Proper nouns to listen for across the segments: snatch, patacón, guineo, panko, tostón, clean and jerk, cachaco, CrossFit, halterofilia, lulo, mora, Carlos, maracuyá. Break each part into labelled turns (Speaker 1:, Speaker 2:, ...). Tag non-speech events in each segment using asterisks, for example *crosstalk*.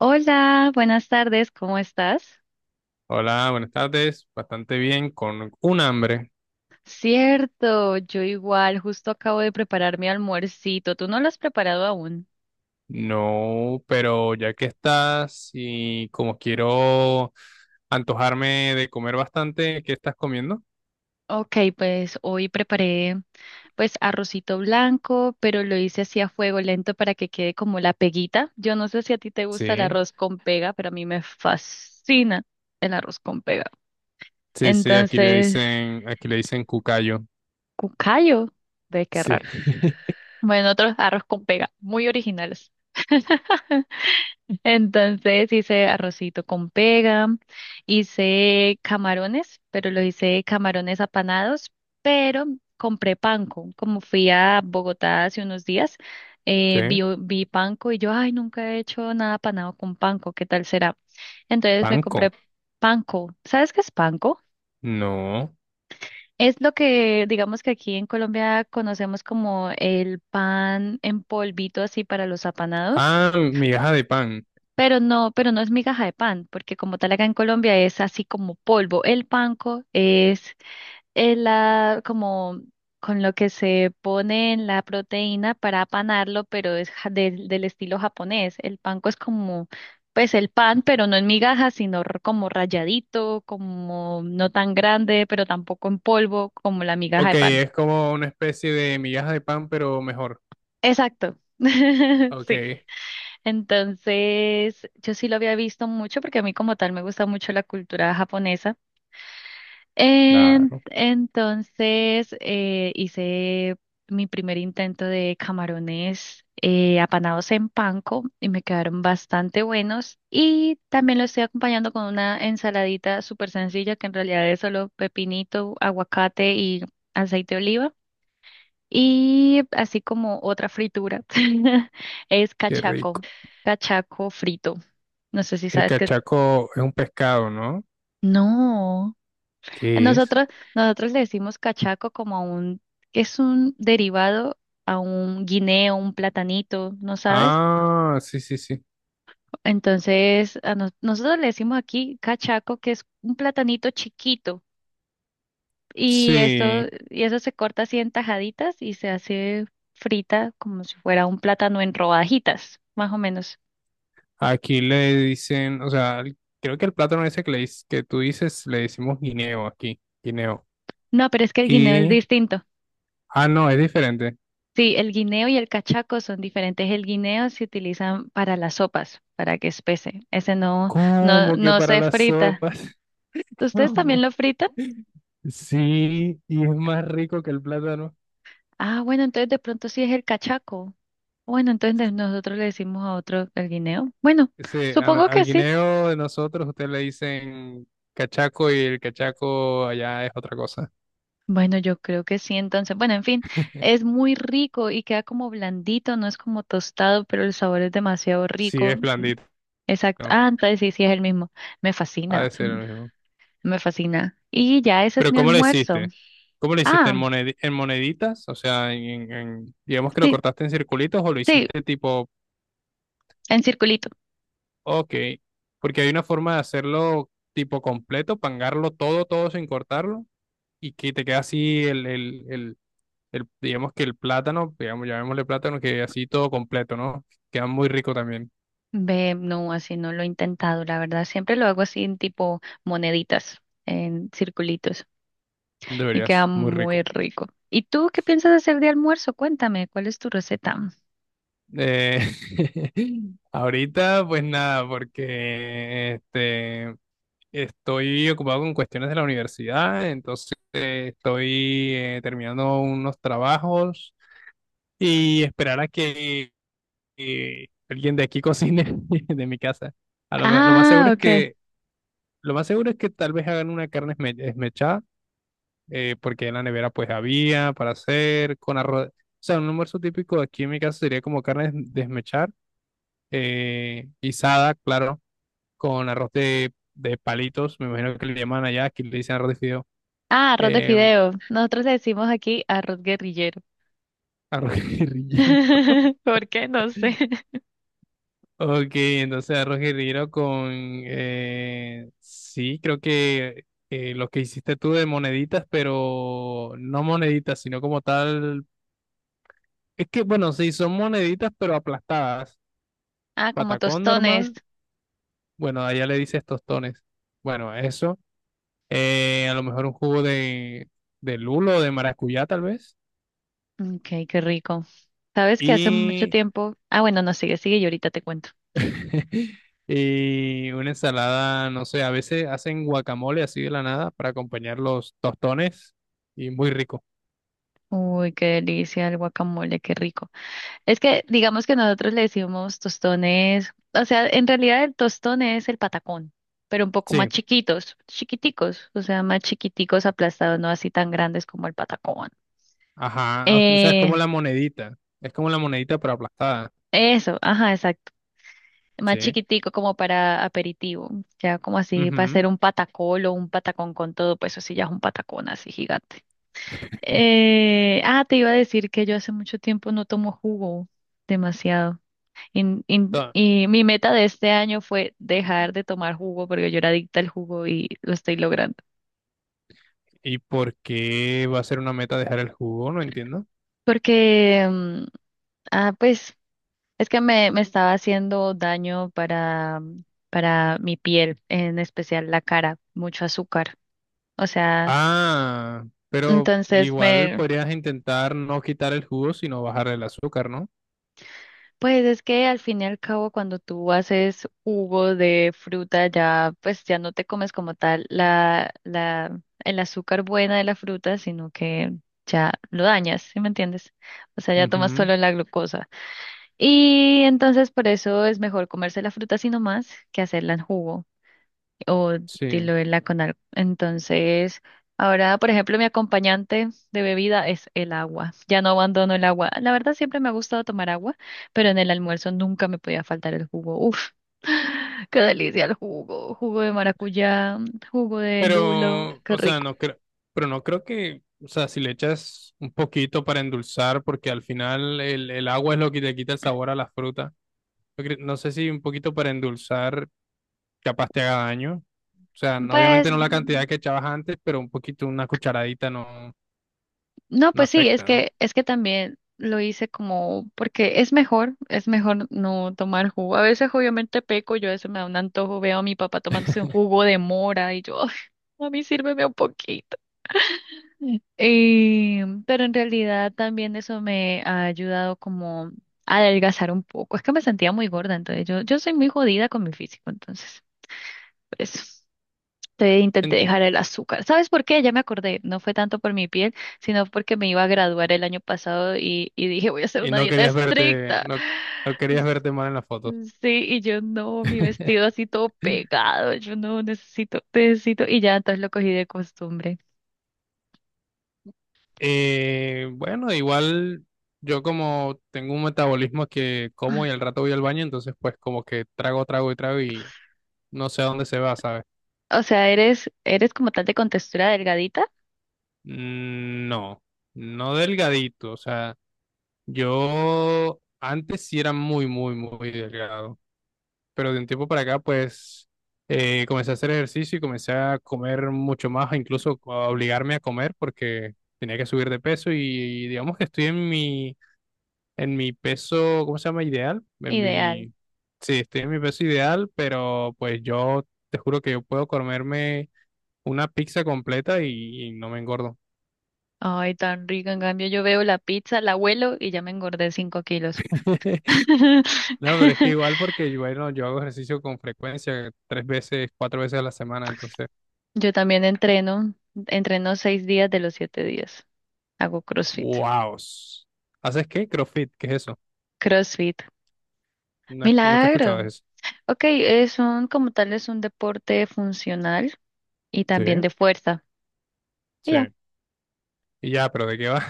Speaker 1: Hola, buenas tardes, ¿cómo estás?
Speaker 2: Hola, buenas tardes. Bastante bien, con un hambre.
Speaker 1: Cierto, yo igual, justo acabo de preparar mi almuercito. ¿Tú no lo has preparado aún?
Speaker 2: No, pero ya que estás y como quiero antojarme de comer bastante, ¿qué estás comiendo?
Speaker 1: Ok, pues hoy preparé pues arrocito blanco, pero lo hice así a fuego lento para que quede como la peguita. Yo no sé si a ti te gusta el
Speaker 2: Sí,
Speaker 1: arroz con pega, pero a mí me fascina el arroz con pega.
Speaker 2: sí, sí, aquí le
Speaker 1: Entonces,
Speaker 2: dicen, aquí le dicen cucayo.
Speaker 1: cucayo, ve qué
Speaker 2: Sí.
Speaker 1: raro.
Speaker 2: *laughs*
Speaker 1: Bueno, otros arroz con pega, muy originales. *laughs* Entonces hice arrocito con pega, hice camarones, pero lo hice camarones apanados, pero compré panko. Como fui a Bogotá hace unos días,
Speaker 2: Sí.
Speaker 1: vi panko y yo, ay, nunca he hecho nada apanado con panko, ¿qué tal será? Entonces me
Speaker 2: Panco.
Speaker 1: compré panko. ¿Sabes qué es panko?
Speaker 2: No.
Speaker 1: Es lo que digamos que aquí en Colombia conocemos como el pan en polvito así para los apanados.
Speaker 2: Ah, migaja de pan.
Speaker 1: Pero no es migaja de pan, porque como tal acá en Colombia es así como polvo. El panco es la como con lo que se pone en la proteína para apanarlo, pero es del estilo japonés. El panco es como, pues el pan, pero no en migaja, sino como rayadito, como no tan grande, pero tampoco en polvo, como la migaja
Speaker 2: Ok,
Speaker 1: de pan.
Speaker 2: es como una especie de migaja de pan, pero mejor.
Speaker 1: Exacto. *laughs* Sí.
Speaker 2: Ok.
Speaker 1: Entonces, yo sí lo había visto mucho porque a mí como tal me gusta mucho la cultura japonesa. En-
Speaker 2: Claro,
Speaker 1: entonces, hice mi primer intento de camarones apanados en panko y me quedaron bastante buenos. Y también lo estoy acompañando con una ensaladita súper sencilla que en realidad es solo pepinito, aguacate y aceite de oliva. Y así como otra fritura *laughs* es
Speaker 2: qué
Speaker 1: cachaco,
Speaker 2: rico.
Speaker 1: cachaco frito. No sé si
Speaker 2: El
Speaker 1: sabes qué es.
Speaker 2: cachaco es un pescado, ¿no?
Speaker 1: No.
Speaker 2: ¿Qué es?
Speaker 1: Nosotros, nosotros le decimos cachaco como a un, que es un derivado a un guineo, un platanito, ¿no sabes?
Speaker 2: Ah, sí, sí, sí.
Speaker 1: Entonces, a nosotros le decimos aquí cachaco, que es un platanito chiquito. Y esto,
Speaker 2: Sí,
Speaker 1: y eso se corta así en tajaditas y se hace frita como si fuera un plátano en rodajitas, más o menos.
Speaker 2: aquí le dicen, o sea, creo que el plátano ese que, que tú dices le decimos guineo aquí, guineo.
Speaker 1: No, pero es que el guineo es
Speaker 2: Y,
Speaker 1: distinto.
Speaker 2: ah, no, es diferente.
Speaker 1: Sí, el guineo y el cachaco son diferentes. El guineo se utilizan para las sopas, para que espese. Ese no, no,
Speaker 2: ¿Cómo que
Speaker 1: no
Speaker 2: para
Speaker 1: se
Speaker 2: las
Speaker 1: frita.
Speaker 2: sopas? *laughs*
Speaker 1: ¿Ustedes también
Speaker 2: ¿Cómo?
Speaker 1: lo fritan?
Speaker 2: Sí, y es más rico que el plátano.
Speaker 1: Ah, bueno, entonces de pronto sí es el cachaco. Bueno, entonces nosotros le decimos a otro el guineo. Bueno,
Speaker 2: Ese, a no-
Speaker 1: supongo que
Speaker 2: al
Speaker 1: sí.
Speaker 2: guineo de nosotros ustedes le dicen cachaco y el cachaco allá es otra cosa.
Speaker 1: Bueno, yo creo que sí, entonces. Bueno, en fin, es muy rico y queda como blandito, no es como tostado, pero el sabor es demasiado
Speaker 2: Sí,
Speaker 1: rico.
Speaker 2: es
Speaker 1: Mm,
Speaker 2: blandito,
Speaker 1: exacto. Ah, entonces sí, sí es el mismo. Me
Speaker 2: ha
Speaker 1: fascina.
Speaker 2: de ser el mismo.
Speaker 1: Me fascina. Y ya ese es
Speaker 2: Pero
Speaker 1: mi
Speaker 2: ¿cómo lo
Speaker 1: almuerzo.
Speaker 2: hiciste? ¿Cómo lo hiciste
Speaker 1: Ah,
Speaker 2: en moneditas? O sea, digamos que lo
Speaker 1: sí,
Speaker 2: cortaste en circulitos o lo
Speaker 1: sí,
Speaker 2: hiciste tipo,
Speaker 1: en circulito.
Speaker 2: ok, porque hay una forma de hacerlo tipo completo, pangarlo todo, todo sin cortarlo y que te queda así digamos que el plátano, digamos, llamémosle plátano, que así todo completo, ¿no? Queda muy rico también,
Speaker 1: Ve, no, así no lo he intentado, la verdad. Siempre lo hago así en tipo moneditas, en circulitos. Y queda
Speaker 2: deberías, muy
Speaker 1: muy
Speaker 2: rico.
Speaker 1: rico. ¿Y tú qué piensas hacer de almuerzo? Cuéntame, ¿cuál es tu receta?
Speaker 2: Eh, *laughs* ahorita, pues nada, porque este. Estoy ocupado con cuestiones de la universidad, entonces estoy terminando unos trabajos y esperar a que alguien de aquí cocine *laughs* de mi casa. Lo más seguro
Speaker 1: Ah,
Speaker 2: es
Speaker 1: ok.
Speaker 2: que lo más seguro es que tal vez hagan una carne esmechada, porque en la nevera pues había para hacer con arroz. O sea, un almuerzo típico aquí en mi casa sería como carne desmechar, guisada, claro, con arroz de palitos, me imagino que le llaman allá, aquí le dicen arroz de fideo.
Speaker 1: Ah, arroz de
Speaker 2: Eh,
Speaker 1: fideo. Nosotros le decimos aquí arroz guerrillero.
Speaker 2: Arroz guerrillero. *laughs*
Speaker 1: *laughs* ¿Por qué? No sé.
Speaker 2: Ok, entonces arroz guerrillero. Con... Sí, creo que lo que hiciste tú de moneditas, pero no moneditas, sino como tal. Es que, bueno, sí, son moneditas, pero aplastadas.
Speaker 1: Ah, como
Speaker 2: Patacón
Speaker 1: tostones.
Speaker 2: normal. Bueno, allá le dices tostones. Bueno, eso. A lo mejor un jugo de lulo, de maracuyá, tal vez.
Speaker 1: Ok, qué rico. ¿Sabes que hace mucho
Speaker 2: y
Speaker 1: tiempo? Ah, bueno, no sigue, sigue y ahorita te cuento.
Speaker 2: *laughs* Y una ensalada, no sé, a veces hacen guacamole así de la nada para acompañar los tostones y muy rico.
Speaker 1: Uy, qué delicia el guacamole, qué rico. Es que digamos que nosotros le decimos tostones, o sea, en realidad el tostón es el patacón, pero un poco más
Speaker 2: Sí,
Speaker 1: chiquitos, chiquiticos, o sea, más chiquiticos aplastados, no así tan grandes como el patacón.
Speaker 2: ajá, o sea, es
Speaker 1: Eh,
Speaker 2: como la monedita, es como la monedita pero aplastada,
Speaker 1: eso, ajá, exacto. Más
Speaker 2: sí.
Speaker 1: chiquitico como para aperitivo, ya como así para
Speaker 2: Ujú.
Speaker 1: hacer un patacol o un patacón con todo, pues eso sí ya es un patacón así gigante. Ah, te iba a decir que yo hace mucho tiempo no tomo jugo, demasiado.
Speaker 2: Ta-
Speaker 1: Y mi meta de este año fue dejar de tomar jugo porque yo era adicta al jugo y lo estoy logrando.
Speaker 2: ¿Y por qué va a ser una meta dejar el jugo? No entiendo.
Speaker 1: Porque, ah, pues, es que me estaba haciendo daño para mi piel, en especial la cara, mucho azúcar. O sea,
Speaker 2: Ah, pero
Speaker 1: entonces
Speaker 2: igual podrías intentar no quitar el jugo, sino bajar el azúcar, ¿no?
Speaker 1: pues es que al fin y al cabo cuando tú haces jugo de fruta ya pues ya no te comes como tal el azúcar buena de la fruta, sino que ya lo dañas, ¿sí me entiendes? O sea, ya tomas
Speaker 2: Ujú.
Speaker 1: solo la glucosa. Y entonces por eso es mejor comerse la fruta así nomás que hacerla en jugo o de
Speaker 2: Sí.
Speaker 1: lo de la Conar. Entonces, ahora, por ejemplo, mi acompañante de bebida es el agua. Ya no abandono el agua. La verdad, siempre me ha gustado tomar agua, pero en el almuerzo nunca me podía faltar el jugo. Uf, *laughs* qué delicia el jugo. Jugo de maracuyá, jugo de lulo,
Speaker 2: Pero,
Speaker 1: qué
Speaker 2: o sea,
Speaker 1: rico.
Speaker 2: no creo que, o sea, si le echas un poquito para endulzar, porque al final el agua es lo que te quita el sabor a la fruta. No sé si un poquito para endulzar capaz te haga daño. O sea,
Speaker 1: Pues
Speaker 2: obviamente no la cantidad que echabas antes, pero un poquito, una cucharadita no,
Speaker 1: no,
Speaker 2: no
Speaker 1: pues sí,
Speaker 2: afecta, ¿no?
Speaker 1: es que también lo hice como, porque es mejor no tomar jugo. A veces obviamente peco, yo a veces me da un antojo, veo a mi papá tomándose un jugo de mora y yo, *laughs* "Ay, a mí sírveme un poquito. Pero en realidad también eso me ha ayudado como a adelgazar un poco. Es que me sentía muy gorda, entonces yo soy muy jodida con mi físico, entonces, por eso. Te intenté
Speaker 2: En-
Speaker 1: dejar el azúcar. ¿Sabes por qué? Ya me acordé. No fue tanto por mi piel, sino porque me iba a graduar el año pasado y dije, voy a hacer
Speaker 2: y
Speaker 1: una
Speaker 2: no
Speaker 1: dieta
Speaker 2: querías verte,
Speaker 1: estricta.
Speaker 2: no, no querías
Speaker 1: *laughs*
Speaker 2: verte mal en las fotos.
Speaker 1: Sí, y yo no, mi vestido
Speaker 2: *laughs*
Speaker 1: así todo pegado. Yo no necesito, necesito. Y ya entonces lo cogí de costumbre.
Speaker 2: Bueno, igual yo como tengo un metabolismo que como y al rato voy al baño, entonces pues como que trago, trago y trago y no sé a dónde se va, ¿sabes?
Speaker 1: O sea, eres como tal de contextura delgadita,
Speaker 2: No, no delgadito, o sea, yo antes sí era muy, muy, muy delgado, pero de un tiempo para acá pues comencé a hacer ejercicio y comencé a comer mucho más, incluso a obligarme a comer porque tenía que subir de peso y digamos que estoy en mi peso, ¿cómo se llama? Ideal. En
Speaker 1: ideal.
Speaker 2: mi, sí, estoy en mi peso ideal, pero pues yo te juro que yo puedo comerme una pizza completa y no me engordo.
Speaker 1: Ay, tan rica. En cambio, yo veo la pizza, la huelo y ya me engordé 5 kilos.
Speaker 2: *laughs* No, pero es que
Speaker 1: *laughs*
Speaker 2: igual porque bueno, yo hago ejercicio con frecuencia, 3 veces, 4 veces a la semana, entonces,
Speaker 1: Yo también entreno, entreno 6 días de los 7 días. Hago CrossFit.
Speaker 2: wow. ¿Haces qué? CrossFit, ¿qué es eso?
Speaker 1: CrossFit.
Speaker 2: Nunca he escuchado
Speaker 1: Milagro.
Speaker 2: de eso.
Speaker 1: Ok, son como tal es un deporte funcional y también
Speaker 2: Sí,
Speaker 1: de fuerza. Y
Speaker 2: sí.
Speaker 1: ya.
Speaker 2: Y ya, pero ¿de qué va?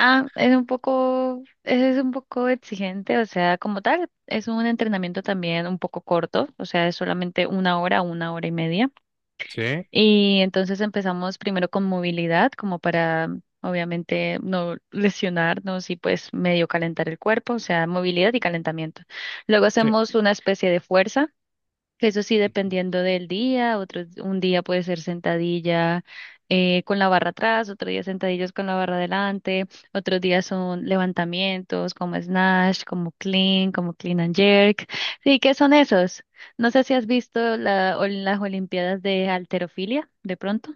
Speaker 1: Ah, es un poco exigente, o sea, como tal, es un entrenamiento también un poco corto, o sea, es solamente 1 hora, 1 hora y media.
Speaker 2: *laughs* Sí,
Speaker 1: Y entonces empezamos primero con movilidad, como para obviamente no lesionarnos y pues medio calentar el cuerpo, o sea, movilidad y calentamiento. Luego
Speaker 2: sí.
Speaker 1: hacemos una especie de fuerza eso sí,
Speaker 2: Ujú.
Speaker 1: dependiendo del día, un día puede ser sentadilla con la barra atrás, otro día sentadillas con la barra adelante, otros días son levantamientos como snatch, como clean and jerk. Sí, ¿qué son esos? No sé si has visto la, o las Olimpiadas de halterofilia, de pronto.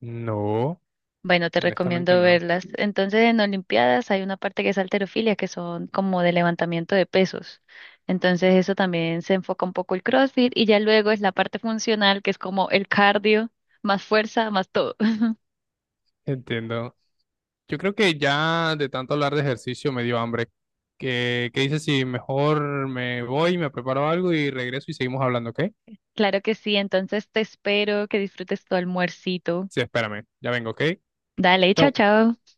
Speaker 2: No,
Speaker 1: Bueno, te
Speaker 2: honestamente
Speaker 1: recomiendo
Speaker 2: no.
Speaker 1: verlas. Entonces, en Olimpiadas hay una parte que es halterofilia, que son como de levantamiento de pesos. Entonces, eso también se enfoca un poco el CrossFit y ya luego es la parte funcional, que es como el cardio, más fuerza, más todo. *laughs*
Speaker 2: Entiendo. Yo creo que ya de tanto hablar de ejercicio me dio hambre. ¿Qué, qué dices si mejor me voy, me preparo algo y regreso y seguimos hablando, ¿ok?
Speaker 1: Claro que sí, entonces te espero que disfrutes tu almuercito.
Speaker 2: Sí, espérame, ya vengo, ¿ok?
Speaker 1: Dale, chao,
Speaker 2: Chau.
Speaker 1: chao.